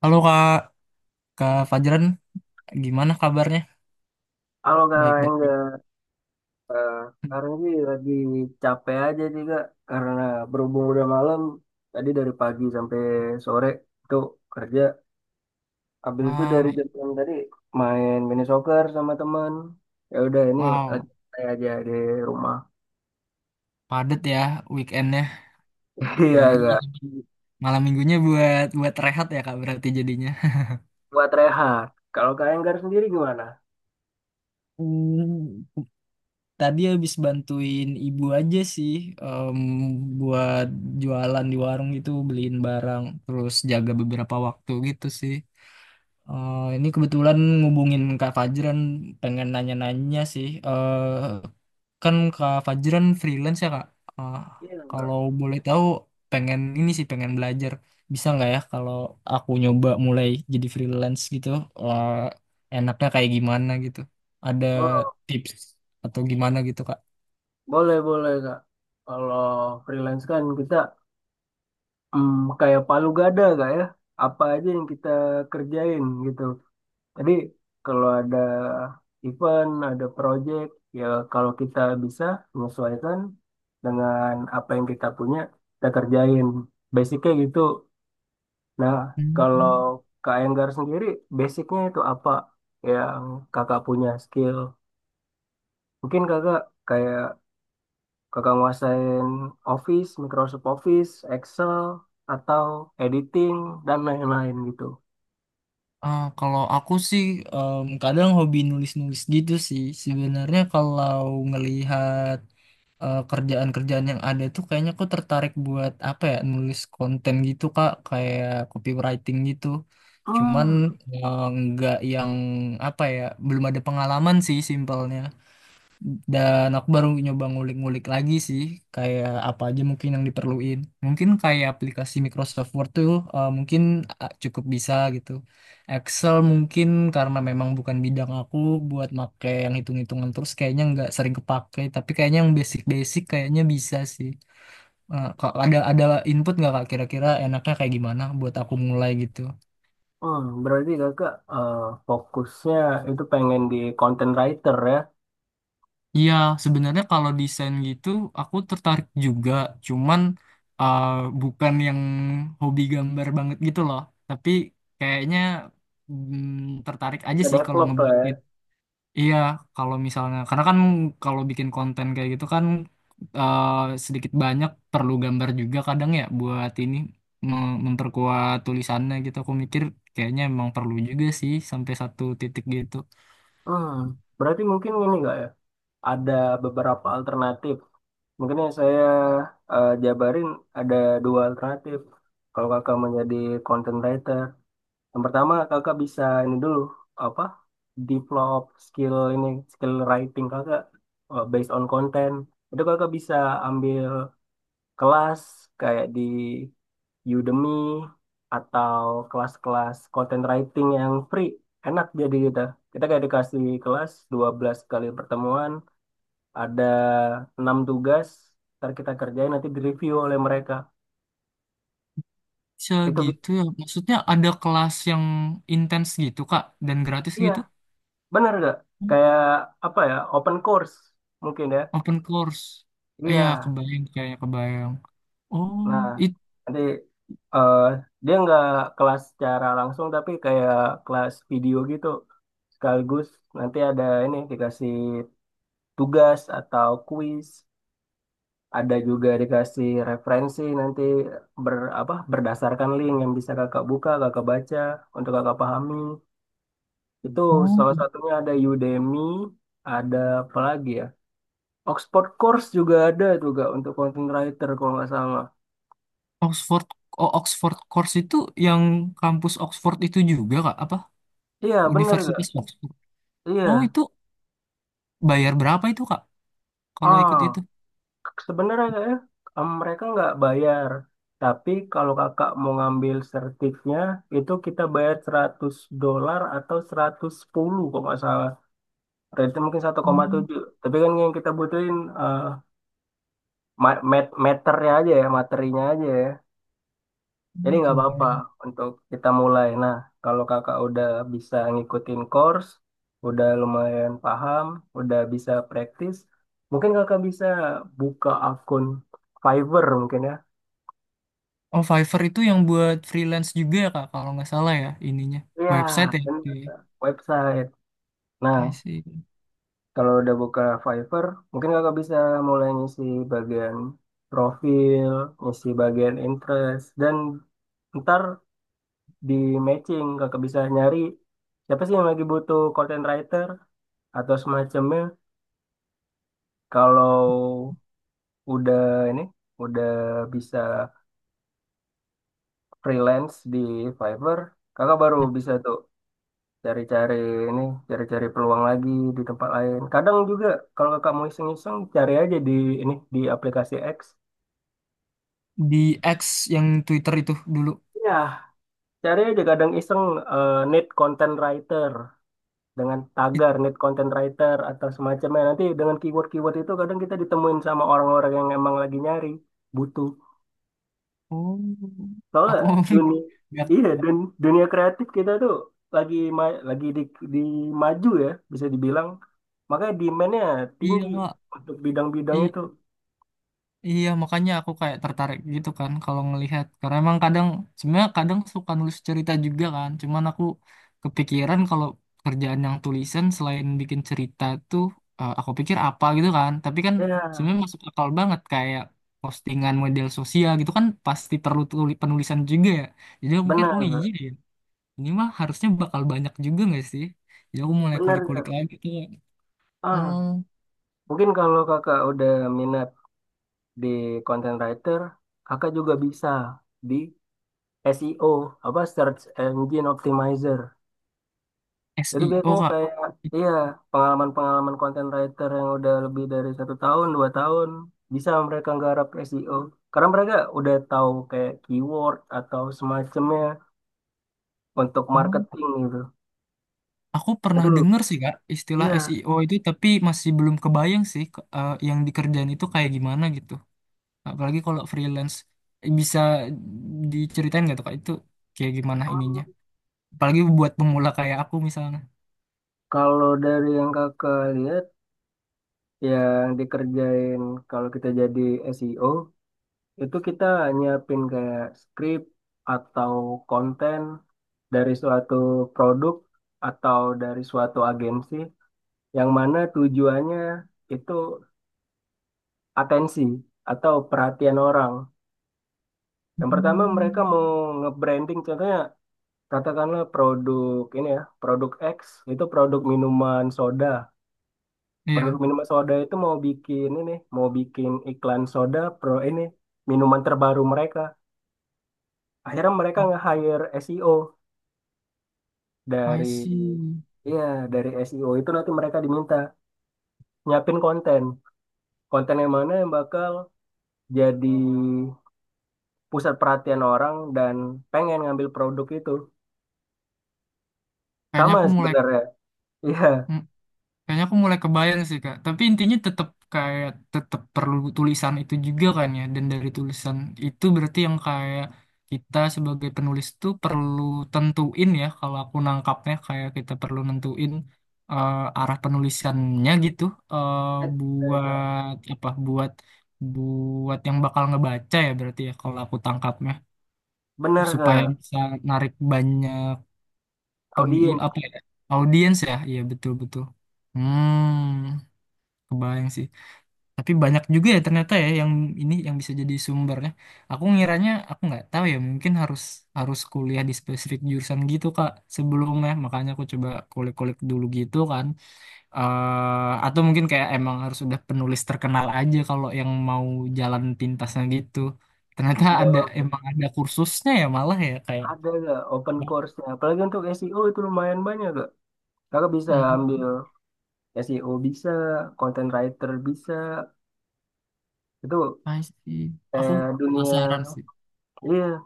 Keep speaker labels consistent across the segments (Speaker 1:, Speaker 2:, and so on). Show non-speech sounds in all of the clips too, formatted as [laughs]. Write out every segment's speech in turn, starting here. Speaker 1: Halo Kak, Kak Fajran, gimana kabarnya?
Speaker 2: Kalau nggak yang
Speaker 1: Baik-baik aja.
Speaker 2: nggak, sekarang sih lagi capek aja sih kak, karena berhubung udah malam, tadi dari pagi sampai sore itu kerja. Habis itu
Speaker 1: Ah,
Speaker 2: dari jam 6 tadi main mini soccer sama teman. Ya udah ini lagi
Speaker 1: wow,
Speaker 2: santai aja di rumah.
Speaker 1: padat ya weekendnya.
Speaker 2: [laughs] Iya
Speaker 1: Dan ini
Speaker 2: kak,
Speaker 1: malam, malam minggunya buat buat rehat ya Kak berarti jadinya.
Speaker 2: buat rehat. Kalau kak Enggar sendiri gimana?
Speaker 1: Hmm, Tadi habis bantuin ibu aja sih, em, buat jualan di warung gitu, beliin barang, terus jaga beberapa waktu gitu sih. Ini kebetulan ngubungin Kak Fajran, pengen nanya-nanya sih. Kan Kak Fajran freelance ya Kak. Ah,
Speaker 2: Iya Kak Enggar.
Speaker 1: kalau boleh tahu, pengen ini sih, pengen belajar. Bisa nggak ya kalau aku nyoba mulai jadi freelance gitu? Ah, enaknya kayak gimana gitu? Ada
Speaker 2: Oh,
Speaker 1: tips atau gimana gitu Kak?
Speaker 2: boleh boleh kak. Kalau freelance kan kita kayak palu gada kak ya. Apa aja yang kita kerjain gitu. Jadi kalau ada event, ada project, ya kalau kita bisa menyesuaikan dengan apa yang kita punya, kita kerjain. Basicnya gitu. Nah, kalau
Speaker 1: Hmm.
Speaker 2: Kak Enggar sendiri, basicnya itu apa yang kakak punya skill? Mungkin kakak kayak kakak nguasain Office, Microsoft Office, Excel, atau editing, dan lain-lain gitu.
Speaker 1: Ah, kalau aku sih, kadang hobi nulis-nulis gitu sih. Sebenarnya kalau ngelihat kerjaan-kerjaan yang ada tuh kayaknya aku tertarik buat apa ya, nulis konten gitu Kak, kayak copywriting gitu, cuman
Speaker 2: Hmm,
Speaker 1: nggak yang apa ya, belum ada pengalaman sih simpelnya, dan aku baru nyoba ngulik-ngulik lagi sih, kayak apa aja mungkin yang diperluin. Mungkin kayak aplikasi Microsoft Word tuh mungkin cukup bisa gitu. Excel mungkin karena memang bukan bidang aku buat make yang hitung-hitungan, terus kayaknya nggak sering kepake. Tapi kayaknya yang basic-basic kayaknya bisa sih. Eh, kok ada input nggak kak, kira-kira enaknya kayak gimana buat aku mulai gitu?
Speaker 2: Berarti kakak fokusnya itu pengen di content writer ya,
Speaker 1: Iya, sebenarnya kalau desain gitu aku tertarik juga, cuman uh, bukan yang hobi gambar banget gitu loh. Tapi kayaknya tertarik aja
Speaker 2: bisa
Speaker 1: sih kalau
Speaker 2: develop lah ya.
Speaker 1: ngebuatin. Iya, kalau misalnya karena kan kalau bikin konten kayak gitu kan, uh, sedikit banyak perlu gambar juga kadang ya, buat ini memperkuat tulisannya gitu. Aku mikir kayaknya emang perlu juga sih sampai satu titik gitu.
Speaker 2: Hmm, berarti mungkin ini nggak ya, ada beberapa alternatif. Mungkin yang saya jabarin ada dua alternatif. Kalau kakak menjadi content writer, yang pertama kakak bisa ini dulu apa, develop skill ini skill writing kakak based on content. Itu kakak bisa ambil kelas kayak di Udemy atau kelas-kelas content writing yang free. Enak jadi kita. Kita kayak dikasih kelas 12 kali pertemuan, ada 6 tugas, ntar kita kerjain nanti direview oleh mereka.
Speaker 1: Bisa
Speaker 2: Itu bi-
Speaker 1: gitu ya. Maksudnya ada kelas yang intens gitu, Kak, dan gratis
Speaker 2: iya,
Speaker 1: gitu?
Speaker 2: benar nggak? Kayak apa ya, open course mungkin ya.
Speaker 1: Open course. Iya,
Speaker 2: Iya.
Speaker 1: kebayang kayaknya kebayang. Oh,
Speaker 2: Nah,
Speaker 1: itu,
Speaker 2: nanti eh, dia nggak kelas secara langsung tapi kayak kelas video gitu. Sekaligus nanti ada ini dikasih tugas atau kuis, ada juga dikasih referensi nanti ber berdasarkan link yang bisa kakak buka, kakak baca untuk kakak pahami. Itu salah
Speaker 1: oh,
Speaker 2: satunya ada Udemy, ada apa lagi ya? Oxford Course juga ada juga untuk content writer kalau nggak salah.
Speaker 1: Oxford, oh, Oxford course itu yang kampus Oxford itu juga, Kak, apa?
Speaker 2: Iya, bener nggak?
Speaker 1: Universitas Oxford. Oh,
Speaker 2: Iya.
Speaker 1: itu bayar berapa itu, Kak? Kalau ikut itu?
Speaker 2: Ah. Sebenarnya kayaknya, mereka nggak bayar. Tapi kalau kakak mau ngambil sertifnya, itu kita bayar $100 atau 110 kalau nggak salah. Rate mungkin satu koma
Speaker 1: Oh,
Speaker 2: tujuh. Tapi kan yang kita butuhin eh, materinya aja ya. Jadi nggak apa-apa
Speaker 1: kebayang.
Speaker 2: untuk kita mulai. Nah, kalau kakak udah bisa ngikutin course, udah lumayan paham, udah bisa praktis, mungkin kakak bisa buka akun Fiverr mungkin ya.
Speaker 1: Oh, Fiverr itu yang buat freelance juga ya, Kak, kalau nggak salah ya ininya.
Speaker 2: Iya,
Speaker 1: Website ya. Oke.
Speaker 2: benar Kak, website. Nah,
Speaker 1: I see.
Speaker 2: kalau udah buka Fiverr, mungkin kakak bisa mulai ngisi bagian profil, ngisi bagian interest, dan ntar di matching kakak bisa nyari siapa sih yang lagi butuh content writer atau semacamnya. Kalau udah ini, udah bisa freelance di Fiverr, kakak baru
Speaker 1: Nah,
Speaker 2: bisa tuh cari-cari ini cari-cari peluang lagi di tempat lain kadang juga kalau kakak mau iseng-iseng cari aja di di aplikasi X,
Speaker 1: di X, yang Twitter itu dulu.
Speaker 2: ya cari aja kadang iseng need content writer dengan
Speaker 1: It-
Speaker 2: tagar need content writer atau semacamnya nanti dengan keyword-keyword itu kadang kita ditemuin sama orang-orang yang emang lagi nyari butuh.
Speaker 1: Oh,
Speaker 2: Soalnya
Speaker 1: aku [laughs]
Speaker 2: dunia,
Speaker 1: nggak,
Speaker 2: iya, dunia kreatif kita tuh lagi lagi di maju ya bisa dibilang makanya demand-nya
Speaker 1: iya
Speaker 2: tinggi
Speaker 1: kak.
Speaker 2: untuk bidang-bidang
Speaker 1: I-
Speaker 2: itu.
Speaker 1: iya, makanya aku kayak tertarik gitu kan kalau ngelihat, karena emang kadang sebenarnya kadang suka nulis cerita juga kan. Cuman aku kepikiran kalau kerjaan yang tulisan selain bikin cerita tuh, aku pikir apa gitu kan. Tapi kan
Speaker 2: Iya,
Speaker 1: sebenarnya masuk akal banget kayak postingan model sosial gitu kan pasti perlu penulisan juga ya. Jadi aku mikir, oh iya
Speaker 2: benar,
Speaker 1: ya. Ini mah harusnya bakal banyak juga nggak sih? Jadi aku mulai kulik-kulik
Speaker 2: benar.
Speaker 1: lagi tuh.
Speaker 2: Ah,
Speaker 1: Hmm,
Speaker 2: mungkin kalau kakak udah minat di content writer, kakak juga bisa di SEO, apa Search Engine Optimizer. Itu
Speaker 1: SEO
Speaker 2: biasanya
Speaker 1: Kak.
Speaker 2: kayak, iya, pengalaman-pengalaman content writer yang udah lebih dari 1 tahun, 2 tahun, bisa mereka nggarap SEO. Karena mereka udah tahu kayak keyword atau semacamnya untuk
Speaker 1: Oh,
Speaker 2: marketing gitu.
Speaker 1: aku pernah
Speaker 2: Itu,
Speaker 1: dengar sih Kak istilah
Speaker 2: iya.
Speaker 1: SEO itu, tapi masih belum kebayang sih yang dikerjain itu kayak gimana gitu. Apalagi kalau freelance. Eh, bisa diceritain nggak tuh Kak, itu kayak gimana ininya? Apalagi buat pemula kayak aku misalnya.
Speaker 2: Kalau dari yang kakak lihat, yang dikerjain kalau kita jadi SEO itu kita nyiapin kayak script atau konten dari suatu produk atau dari suatu agensi yang mana tujuannya itu atensi atau perhatian orang. Yang pertama mereka
Speaker 1: Hmm.
Speaker 2: mau nge-branding contohnya katakanlah produk ini ya, produk X itu produk minuman soda. Produk
Speaker 1: Iya.
Speaker 2: minuman soda itu mau bikin ini, mau bikin iklan soda pro ini minuman terbaru mereka. Akhirnya mereka
Speaker 1: Oh,
Speaker 2: nge-hire SEO,
Speaker 1: I
Speaker 2: dari
Speaker 1: see.
Speaker 2: iya, dari SEO itu nanti mereka diminta nyiapin konten. Konten yang mana yang bakal jadi pusat perhatian orang dan pengen ngambil produk itu.
Speaker 1: Kayaknya
Speaker 2: Sama
Speaker 1: aku mulai.
Speaker 2: sebenarnya. [laughs] Iya.
Speaker 1: Hmm. Kayaknya aku mulai kebayang sih Kak. Tapi intinya tetap kayak tetap perlu tulisan itu juga kan ya. Dan dari tulisan itu berarti yang kayak kita sebagai penulis tuh perlu tentuin ya. Kalau aku nangkapnya kayak kita perlu nentuin arah penulisannya gitu. Eh,
Speaker 2: Eh, Kak.
Speaker 1: buat apa? Buat Buat yang bakal ngebaca ya berarti ya kalau aku tangkapnya,
Speaker 2: Benar
Speaker 1: supaya
Speaker 2: gak?
Speaker 1: bisa narik banyak pemi
Speaker 2: Audiens
Speaker 1: apa ya, audiens ya. Iya betul betul. Hmm. Kebayang sih. Tapi banyak juga ya ternyata ya yang ini yang bisa jadi sumbernya. Aku ngiranya aku nggak tahu ya, mungkin harus harus kuliah di spesifik jurusan gitu Kak sebelumnya. Makanya aku coba kulik-kulik dulu gitu kan. Eh, atau mungkin kayak emang harus udah penulis terkenal aja kalau yang mau jalan pintasnya gitu. Ternyata
Speaker 2: nggak
Speaker 1: ada,
Speaker 2: bagus.
Speaker 1: emang ada kursusnya ya malah ya kayak.
Speaker 2: Ada gak open course-nya? Apalagi untuk SEO itu lumayan banyak gak? Kakak bisa
Speaker 1: Hmm,
Speaker 2: ambil SEO bisa, content writer bisa, itu
Speaker 1: pasti. Aku penasaran
Speaker 2: dunia,
Speaker 1: sih.
Speaker 2: iya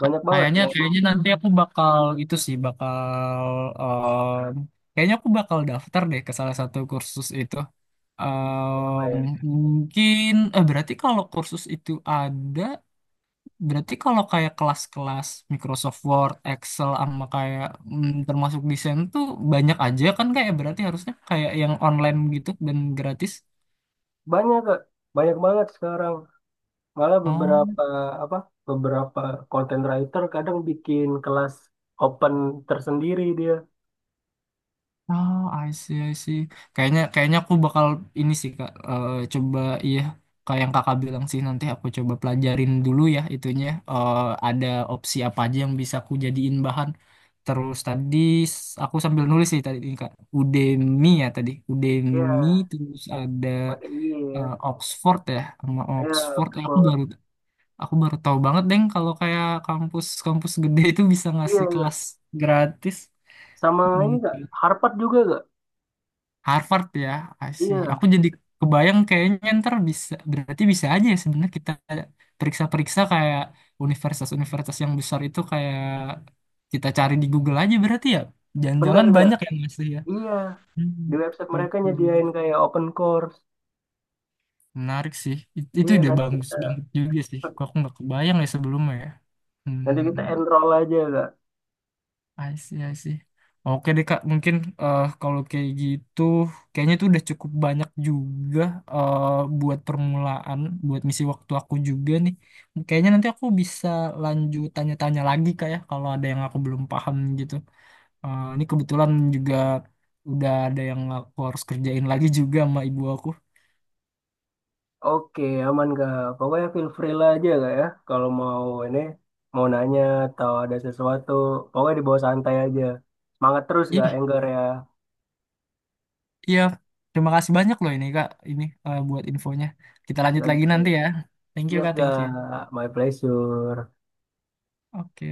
Speaker 2: banyak banget
Speaker 1: Kayaknya,
Speaker 2: yang
Speaker 1: kayaknya nanti aku bakal itu sih bakal, em, kayaknya aku bakal daftar deh ke salah satu kursus itu. Em, Mungkin eh, berarti kalau kursus itu ada, berarti kalau kayak kelas-kelas Microsoft Word, Excel sama kayak termasuk desain tuh banyak aja kan, kayak berarti harusnya kayak yang online gitu dan gratis.
Speaker 2: banyak kak, banyak banget sekarang. Malah
Speaker 1: Oh.
Speaker 2: beberapa apa, beberapa content writer kadang bikin kelas open tersendiri dia.
Speaker 1: Oh, I see, I see. Kayaknya, kayaknya aku bakal ini sih kak. Eh, coba iya, kayak yang kakak bilang sih nanti aku coba pelajarin dulu ya itunya. Eh, ada opsi apa aja yang bisa aku jadiin bahan. Terus tadi, aku sambil nulis sih tadi ini kak. Udemy ya tadi. Udemy,
Speaker 2: Iya,
Speaker 1: terus ada
Speaker 2: pakai iya, ya.
Speaker 1: Oxford ya, sama
Speaker 2: Iya,
Speaker 1: Oxford. Eh,
Speaker 2: Oxford.
Speaker 1: aku baru tahu banget deng kalau kayak kampus-kampus gede itu bisa ngasih
Speaker 2: Iya,
Speaker 1: kelas gratis.
Speaker 2: sama ini kak,
Speaker 1: Hmm.
Speaker 2: Harvard juga kak.
Speaker 1: Harvard ya, I see.
Speaker 2: Iya,
Speaker 1: Aku jadi kebayang kayaknya ntar bisa, berarti bisa aja ya sebenarnya kita periksa-periksa kayak universitas-universitas yang besar itu, kayak kita cari di Google aja berarti ya.
Speaker 2: bener
Speaker 1: Jangan-jangan
Speaker 2: kak.
Speaker 1: banyak yang masih ya.
Speaker 2: Iya,
Speaker 1: Hmm,
Speaker 2: di website
Speaker 1: betul,
Speaker 2: mereka
Speaker 1: betul juga.
Speaker 2: nyediain kayak open course.
Speaker 1: Menarik sih. Itu
Speaker 2: Iya,
Speaker 1: ide
Speaker 2: nanti
Speaker 1: bagus banget juga sih. Kok aku nggak kebayang ya sebelumnya ya.
Speaker 2: nanti kita
Speaker 1: Hmm.
Speaker 2: enroll aja kak.
Speaker 1: I see, I see. Oke deh Kak, mungkin eh, kalau kayak gitu, kayaknya itu udah cukup banyak juga, eh, buat permulaan, buat misi waktu aku juga nih. Kayaknya nanti aku bisa lanjut tanya-tanya lagi Kak ya, kalau ada yang aku belum paham gitu. Eh, ini kebetulan juga udah ada yang aku harus kerjain lagi juga sama ibu aku.
Speaker 2: Oke, aman Kak. Pokoknya feel free lah aja Kak ya. Kalau mau ini, mau nanya atau ada sesuatu, pokoknya dibawa santai aja. Semangat terus Kak,
Speaker 1: Iya,
Speaker 2: Enggar ya.
Speaker 1: iya. Terima kasih banyak loh ini Kak, ini eh, buat infonya. Kita lanjut lagi
Speaker 2: Santai,
Speaker 1: nanti ya. Thank you
Speaker 2: siap
Speaker 1: Kak, thank you.
Speaker 2: Kak, my pleasure.
Speaker 1: Oke.